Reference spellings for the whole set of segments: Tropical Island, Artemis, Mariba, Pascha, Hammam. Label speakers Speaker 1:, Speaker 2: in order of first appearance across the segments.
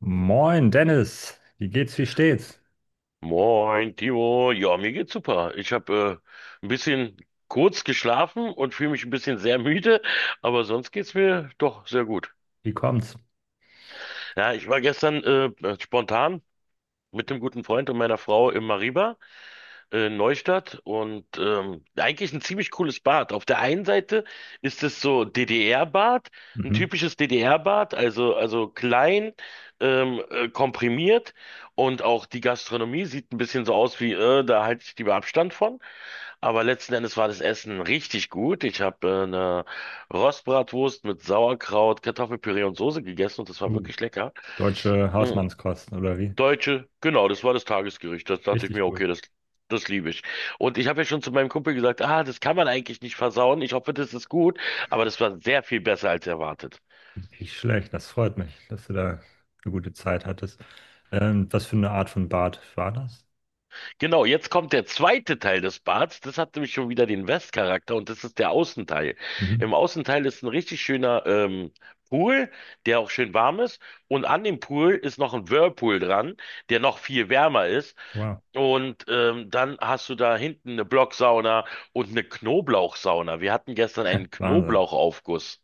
Speaker 1: Moin, Dennis. Wie geht's, wie steht's?
Speaker 2: Moin, Timo. Ja, mir geht's super. Ich habe ein bisschen kurz geschlafen und fühle mich ein bisschen sehr müde, aber sonst geht's mir doch sehr gut.
Speaker 1: Wie kommt's?
Speaker 2: Ja, ich war gestern spontan mit dem guten Freund und meiner Frau im Mariba Neustadt und eigentlich ein ziemlich cooles Bad. Auf der einen Seite ist es so DDR-Bad, ein
Speaker 1: Mhm.
Speaker 2: typisches DDR-Bad, also klein, komprimiert und auch die Gastronomie sieht ein bisschen so aus wie, da halte ich lieber Abstand von. Aber letzten Endes war das Essen richtig gut. Ich habe eine Rostbratwurst mit Sauerkraut, Kartoffelpüree und Soße gegessen und das war
Speaker 1: Uh,
Speaker 2: wirklich lecker.
Speaker 1: Deutsche
Speaker 2: Mm.
Speaker 1: Hausmannskosten, oder wie?
Speaker 2: Deutsche, genau, das war das Tagesgericht. Das dachte ich
Speaker 1: Richtig
Speaker 2: mir,
Speaker 1: gut.
Speaker 2: okay, das liebe ich. Und ich habe ja schon zu meinem Kumpel gesagt, ah, das kann man eigentlich nicht versauen. Ich hoffe, das ist gut. Aber das war sehr viel besser als erwartet.
Speaker 1: Nicht schlecht, das freut mich, dass du da eine gute Zeit hattest. Was für eine Art von Bad war das?
Speaker 2: Genau, jetzt kommt der zweite Teil des Bads. Das hat nämlich schon wieder den Westcharakter und das ist der Außenteil.
Speaker 1: Mhm.
Speaker 2: Im Außenteil ist ein richtig schöner Pool, der auch schön warm ist. Und an dem Pool ist noch ein Whirlpool dran, der noch viel wärmer ist.
Speaker 1: Wow.
Speaker 2: Und dann hast du da hinten eine Blocksauna und eine Knoblauchsauna. Wir hatten gestern einen
Speaker 1: Wahnsinn.
Speaker 2: Knoblauchaufguss.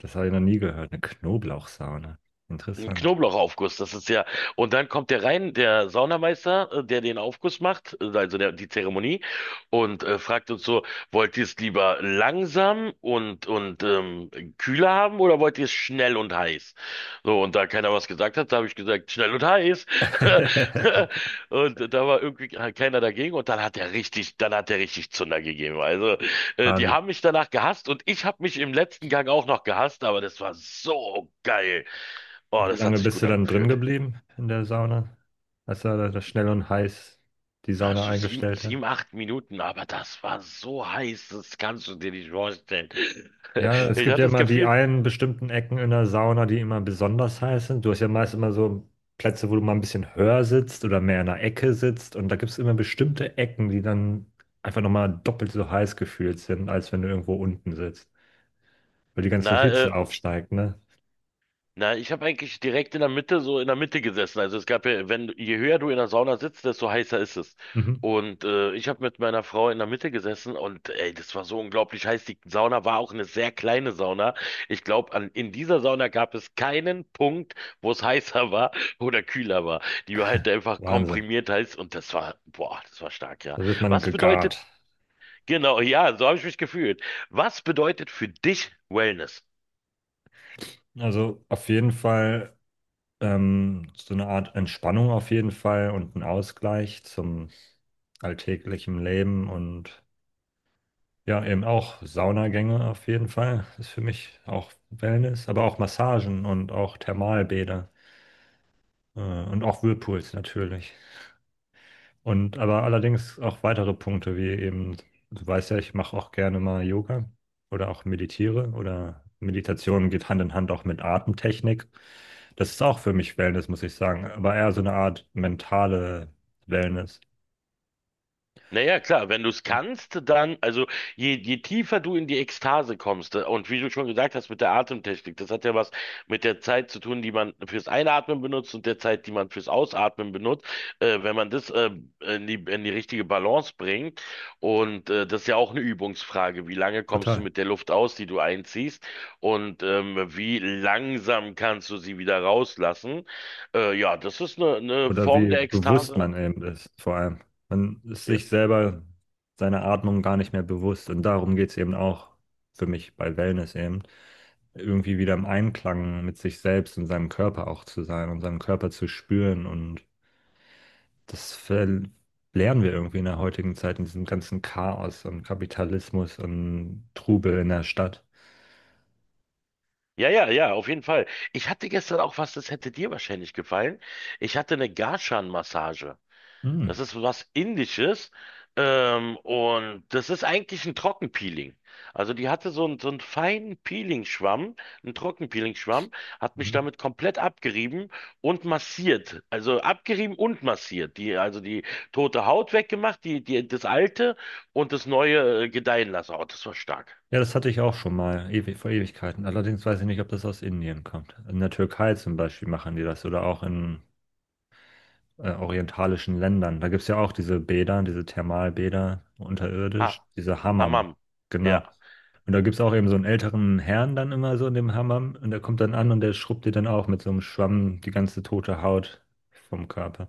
Speaker 1: Das habe ich noch nie gehört. Eine Knoblauchsauna.
Speaker 2: Ein
Speaker 1: Interessant.
Speaker 2: Knoblauchaufguss, das ist ja. Und dann kommt der rein, der Saunameister, der den Aufguss macht, also der, die Zeremonie, und fragt uns so, wollt ihr es lieber langsam und kühler haben oder wollt ihr es schnell und heiß? So, und da keiner was gesagt hat, da habe ich gesagt, schnell und heiß. Und da war irgendwie halt keiner dagegen und dann hat er richtig, dann hat er richtig Zunder gegeben. Also, die
Speaker 1: Wahnsinn.
Speaker 2: haben mich danach gehasst und ich habe mich im letzten Gang auch noch gehasst, aber das war so geil. Oh,
Speaker 1: Und wie
Speaker 2: das hat
Speaker 1: lange
Speaker 2: sich
Speaker 1: bist
Speaker 2: gut
Speaker 1: du dann drin
Speaker 2: angefühlt.
Speaker 1: geblieben in der Sauna, als er da schnell und heiß die
Speaker 2: Na,
Speaker 1: Sauna
Speaker 2: so sieben,
Speaker 1: eingestellt hat?
Speaker 2: sieben, acht Minuten, aber das war so heiß, das kannst du dir nicht vorstellen.
Speaker 1: Ja, es
Speaker 2: Ich
Speaker 1: gibt
Speaker 2: hatte
Speaker 1: ja
Speaker 2: das
Speaker 1: immer die
Speaker 2: Gefühl,
Speaker 1: einen bestimmten Ecken in der Sauna, die immer besonders heiß sind. Du hast ja meist immer so Plätze, wo du mal ein bisschen höher sitzt oder mehr in der Ecke sitzt. Und da gibt es immer bestimmte Ecken, die dann einfach nochmal doppelt so heiß gefühlt sind, als wenn du irgendwo unten sitzt. Weil die ganze
Speaker 2: na,
Speaker 1: Hitze aufsteigt, ne?
Speaker 2: Na, ich habe eigentlich direkt in der Mitte, so in der Mitte gesessen. Also es gab ja, wenn, je höher du in der Sauna sitzt, desto heißer ist es.
Speaker 1: Mhm.
Speaker 2: Und ich habe mit meiner Frau in der Mitte gesessen und ey, das war so unglaublich heiß. Die Sauna war auch eine sehr kleine Sauna. Ich glaube, an in dieser Sauna gab es keinen Punkt, wo es heißer war oder kühler war. Die war halt einfach
Speaker 1: Wahnsinn.
Speaker 2: komprimiert heiß und das war, boah, das war stark, ja.
Speaker 1: Da wird man
Speaker 2: Was bedeutet,
Speaker 1: gegart.
Speaker 2: genau, ja, so habe ich mich gefühlt. Was bedeutet für dich Wellness?
Speaker 1: Also auf jeden Fall so eine Art Entspannung auf jeden Fall und ein Ausgleich zum alltäglichen Leben und ja, eben auch Saunagänge auf jeden Fall. Ist für mich auch Wellness, aber auch Massagen und auch Thermalbäder und auch Whirlpools natürlich. Und aber allerdings auch weitere Punkte, wie eben, du weißt ja, ich mache auch gerne mal Yoga oder auch meditiere oder Meditation geht Hand in Hand auch mit Atemtechnik. Das ist auch für mich Wellness, muss ich sagen, aber eher so eine Art mentale Wellness.
Speaker 2: Naja, klar, wenn du es kannst, dann, also je tiefer du in die Ekstase kommst, und wie du schon gesagt hast mit der Atemtechnik, das hat ja was mit der Zeit zu tun, die man fürs Einatmen benutzt und der Zeit, die man fürs Ausatmen benutzt, wenn man das in die richtige Balance bringt. Und das ist ja auch eine Übungsfrage, wie lange kommst du
Speaker 1: Total.
Speaker 2: mit der Luft aus, die du einziehst, und wie langsam kannst du sie wieder rauslassen. Ja, das ist eine
Speaker 1: Oder
Speaker 2: Form
Speaker 1: wie
Speaker 2: der
Speaker 1: bewusst
Speaker 2: Ekstase.
Speaker 1: man eben ist, vor allem. Man ist
Speaker 2: Ja.
Speaker 1: sich selber seiner Atmung gar nicht mehr bewusst. Und darum geht es eben auch für mich bei Wellness eben, irgendwie wieder im Einklang mit sich selbst und seinem Körper auch zu sein und seinem Körper zu spüren. Und das lernen wir irgendwie in der heutigen Zeit, in diesem ganzen Chaos und Kapitalismus und Trubel in der Stadt.
Speaker 2: Ja, auf jeden Fall. Ich hatte gestern auch was, das hätte dir wahrscheinlich gefallen. Ich hatte eine Garshan-Massage.
Speaker 1: Hm.
Speaker 2: Das ist was Indisches. Und das ist eigentlich ein Trockenpeeling. Also die hatte so einen feinen Peeling-Schwamm, einen Trockenpeeling-Schwamm, hat mich
Speaker 1: Mhm.
Speaker 2: damit komplett abgerieben und massiert. Also abgerieben und massiert. Also die tote Haut weggemacht, das alte und das neue gedeihen lassen. Oh, das war stark.
Speaker 1: Ja, das hatte ich auch schon mal, ewi vor Ewigkeiten. Allerdings weiß ich nicht, ob das aus Indien kommt. In der Türkei zum Beispiel machen die das oder auch in orientalischen Ländern. Da gibt es ja auch diese Bäder, diese Thermalbäder unterirdisch,
Speaker 2: Ha,
Speaker 1: diese Hammam.
Speaker 2: Hammam.
Speaker 1: Genau.
Speaker 2: Ja.
Speaker 1: Und da gibt es auch eben so einen älteren Herrn dann immer so in dem Hammam und der kommt dann an und der schrubbt dir dann auch mit so einem Schwamm die ganze tote Haut vom Körper.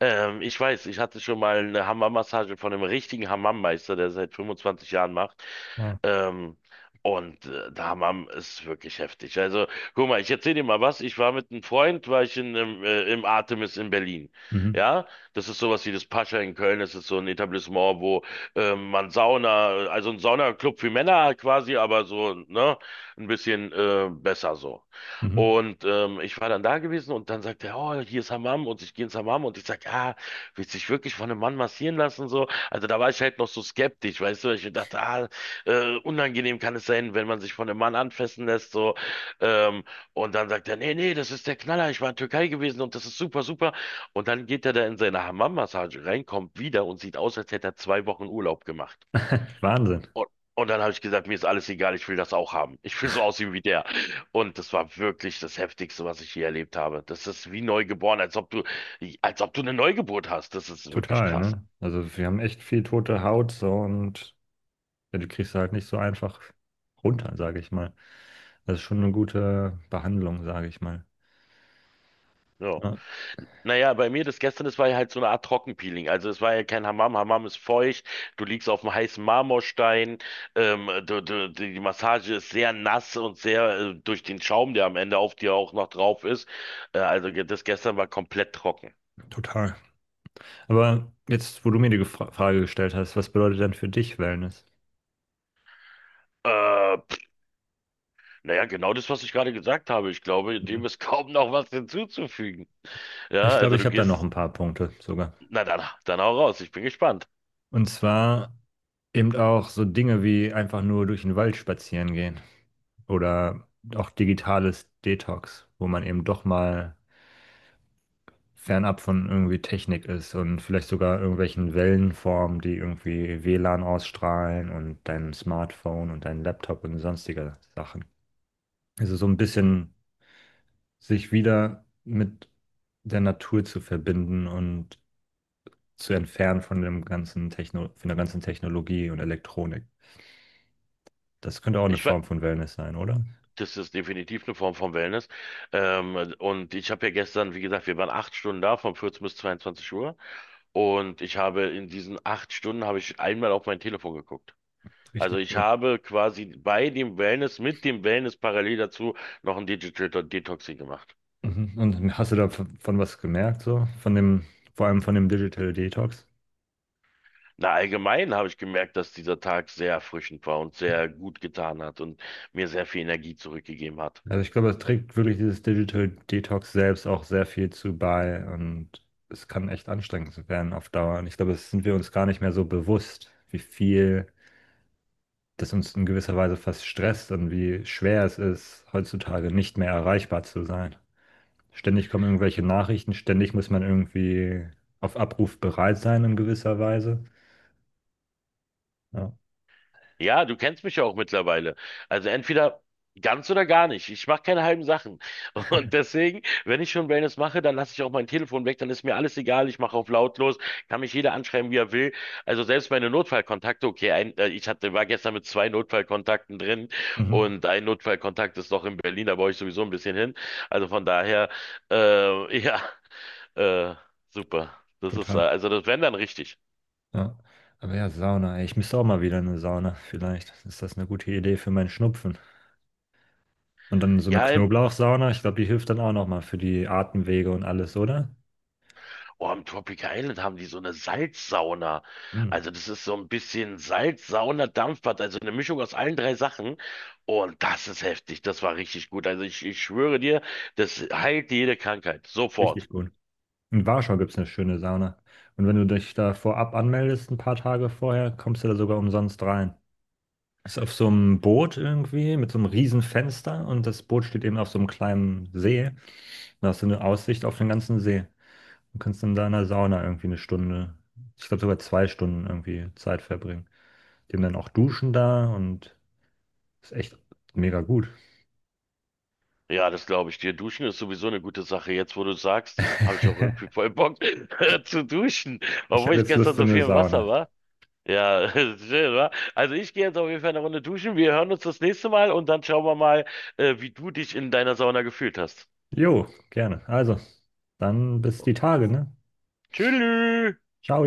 Speaker 2: Ich weiß, ich hatte schon mal eine Hammam-Massage von einem richtigen Hammam-Meister, der seit 25 Jahren macht.
Speaker 1: Ja.
Speaker 2: Ähm, Der Hammam ist wirklich heftig. Also, guck mal, ich erzähle dir mal was. Ich war mit einem Freund, war ich im Artemis in Berlin.
Speaker 1: Mhm.
Speaker 2: Ja, das ist sowas wie das Pascha in Köln. Das ist so ein Etablissement, wo man Sauna, also ein Saunaclub für Männer halt quasi, aber so, ne, ein bisschen besser so.
Speaker 1: Mhm.
Speaker 2: Und ich war dann da gewesen und dann sagt er, oh, hier ist Hammam und ich gehe ins Hammam und ich sag, ja, willst dich wirklich von einem Mann massieren lassen so? Also da war ich halt noch so skeptisch, weißt du, weil ich mir dachte, ah, unangenehm kann es sein, wenn man sich von einem Mann anfassen lässt so. Ähm, und dann sagt er, nee, das ist der Knaller, ich war in Türkei gewesen und das ist super, super. Und dann geht er da in seine Hammam-Massage rein, kommt wieder und sieht aus, als hätte er zwei Wochen Urlaub gemacht.
Speaker 1: Wahnsinn.
Speaker 2: Und, und dann habe ich gesagt, mir ist alles egal, ich will das auch haben. Ich will so aussehen wie der. Und das war wirklich das Heftigste, was ich je erlebt habe. Das ist wie neugeboren, als ob du eine Neugeburt hast. Das ist wirklich
Speaker 1: Total,
Speaker 2: krass.
Speaker 1: ne? Also wir haben echt viel tote Haut so und ja, die kriegst du halt nicht so einfach runter, sage ich mal. Das ist schon eine gute Behandlung, sage ich mal.
Speaker 2: Ja.
Speaker 1: Ja,
Speaker 2: Naja, bei mir das gestern, das war ja halt so eine Art Trockenpeeling. Also es war ja kein Hammam. Hammam ist feucht, du liegst auf dem heißen Marmorstein, die Massage ist sehr nass und sehr durch den Schaum, der am Ende auf dir auch noch drauf ist. Das gestern war komplett trocken.
Speaker 1: total. Aber jetzt, wo du mir die Frage gestellt hast, was bedeutet denn für dich Wellness?
Speaker 2: Äh, Naja, genau das, was ich gerade gesagt habe. Ich glaube,
Speaker 1: Mhm.
Speaker 2: dem ist kaum noch was hinzuzufügen. Ja,
Speaker 1: Ich glaube,
Speaker 2: also
Speaker 1: ich
Speaker 2: du
Speaker 1: habe da noch
Speaker 2: gehst,
Speaker 1: ein paar Punkte sogar.
Speaker 2: na dann, dann auch raus. Ich bin gespannt.
Speaker 1: Und zwar eben auch so Dinge wie einfach nur durch den Wald spazieren gehen oder auch digitales Detox, wo man eben doch mal fernab von irgendwie Technik ist und vielleicht sogar irgendwelchen Wellenformen, die irgendwie WLAN ausstrahlen und deinem Smartphone und deinem Laptop und sonstiger Sachen. Also so ein bisschen sich wieder mit der Natur zu verbinden und zu entfernen von dem ganzen Techno, von der ganzen Technologie und Elektronik. Das könnte auch eine
Speaker 2: Ich, we-
Speaker 1: Form von Wellness sein, oder?
Speaker 2: Das ist definitiv eine Form von Wellness. Und ich habe ja gestern, wie gesagt, wir waren acht Stunden da, von 14 bis 22 Uhr. Und ich habe in diesen acht Stunden habe ich einmal auf mein Telefon geguckt. Also
Speaker 1: Richtig
Speaker 2: ich
Speaker 1: gut.
Speaker 2: habe quasi mit dem Wellness parallel dazu noch ein Digital Detoxing gemacht.
Speaker 1: Mhm. Und hast du davon was gemerkt, so? Von dem, vor allem von dem Digital Detox?
Speaker 2: Na, allgemein habe ich gemerkt, dass dieser Tag sehr erfrischend war und sehr gut getan hat und mir sehr viel Energie zurückgegeben hat.
Speaker 1: Also ich glaube, es trägt wirklich dieses Digital Detox selbst auch sehr viel zu bei und es kann echt anstrengend werden auf Dauer. Und ich glaube, das sind wir uns gar nicht mehr so bewusst, wie viel das uns in gewisser Weise fast stresst und wie schwer es ist, heutzutage nicht mehr erreichbar zu sein. Ständig kommen irgendwelche Nachrichten, ständig muss man irgendwie auf Abruf bereit sein in gewisser Weise. Ja,
Speaker 2: Ja, du kennst mich ja auch mittlerweile. Also entweder ganz oder gar nicht. Ich mache keine halben Sachen. Und deswegen, wenn ich schon Wellness mache, dann lasse ich auch mein Telefon weg, dann ist mir alles egal. Ich mache auf lautlos, kann mich jeder anschreiben, wie er will. Also selbst meine Notfallkontakte, okay, war gestern mit zwei Notfallkontakten drin
Speaker 1: mhm.
Speaker 2: und ein Notfallkontakt ist noch in Berlin, da brauche ich sowieso ein bisschen hin. Also von daher, ja. Äh, Super. Das ist,
Speaker 1: Total.
Speaker 2: also das wären dann richtig.
Speaker 1: Ja. Aber ja, Sauna, ey. Ich müsste auch mal wieder in eine Sauna. Vielleicht ist das eine gute Idee für meinen Schnupfen. Und dann so eine
Speaker 2: Ja, im,
Speaker 1: Knoblauchsauna, ich glaube, die hilft dann auch nochmal für die Atemwege und alles, oder?
Speaker 2: oh, im Tropical Island haben die so eine Salzsauna.
Speaker 1: Hm,
Speaker 2: Also das ist so ein bisschen Salzsauna, Dampfbad, also eine Mischung aus allen drei Sachen. Und das ist heftig. Das war richtig gut. Also ich schwöre dir, das heilt jede Krankheit. Sofort.
Speaker 1: richtig gut. In Warschau gibt es eine schöne Sauna. Und wenn du dich da vorab anmeldest, ein paar Tage vorher, kommst du da sogar umsonst rein. Ist auf so einem Boot irgendwie mit so einem riesen Fenster und das Boot steht eben auf so einem kleinen See. Da hast du eine Aussicht auf den ganzen See. Du kannst dann da in der Sauna irgendwie eine Stunde, ich glaube sogar zwei Stunden irgendwie Zeit verbringen. Die haben dann auch Duschen da und ist echt mega gut.
Speaker 2: Ja, das glaube ich dir. Duschen ist sowieso eine gute Sache. Jetzt, wo du sagst, habe ich auch irgendwie voll Bock zu duschen,
Speaker 1: Ich
Speaker 2: obwohl
Speaker 1: habe
Speaker 2: ich
Speaker 1: jetzt
Speaker 2: gestern
Speaker 1: Lust
Speaker 2: so
Speaker 1: in eine
Speaker 2: viel im Wasser
Speaker 1: Sauna.
Speaker 2: war. Ja, schön, wa? Also ich gehe jetzt auf jeden Fall eine Runde duschen. Wir hören uns das nächste Mal und dann schauen wir mal, wie du dich in deiner Sauna gefühlt hast.
Speaker 1: Jo, gerne. Also, dann bis die Tage, ne?
Speaker 2: Tschüss.
Speaker 1: Ciao.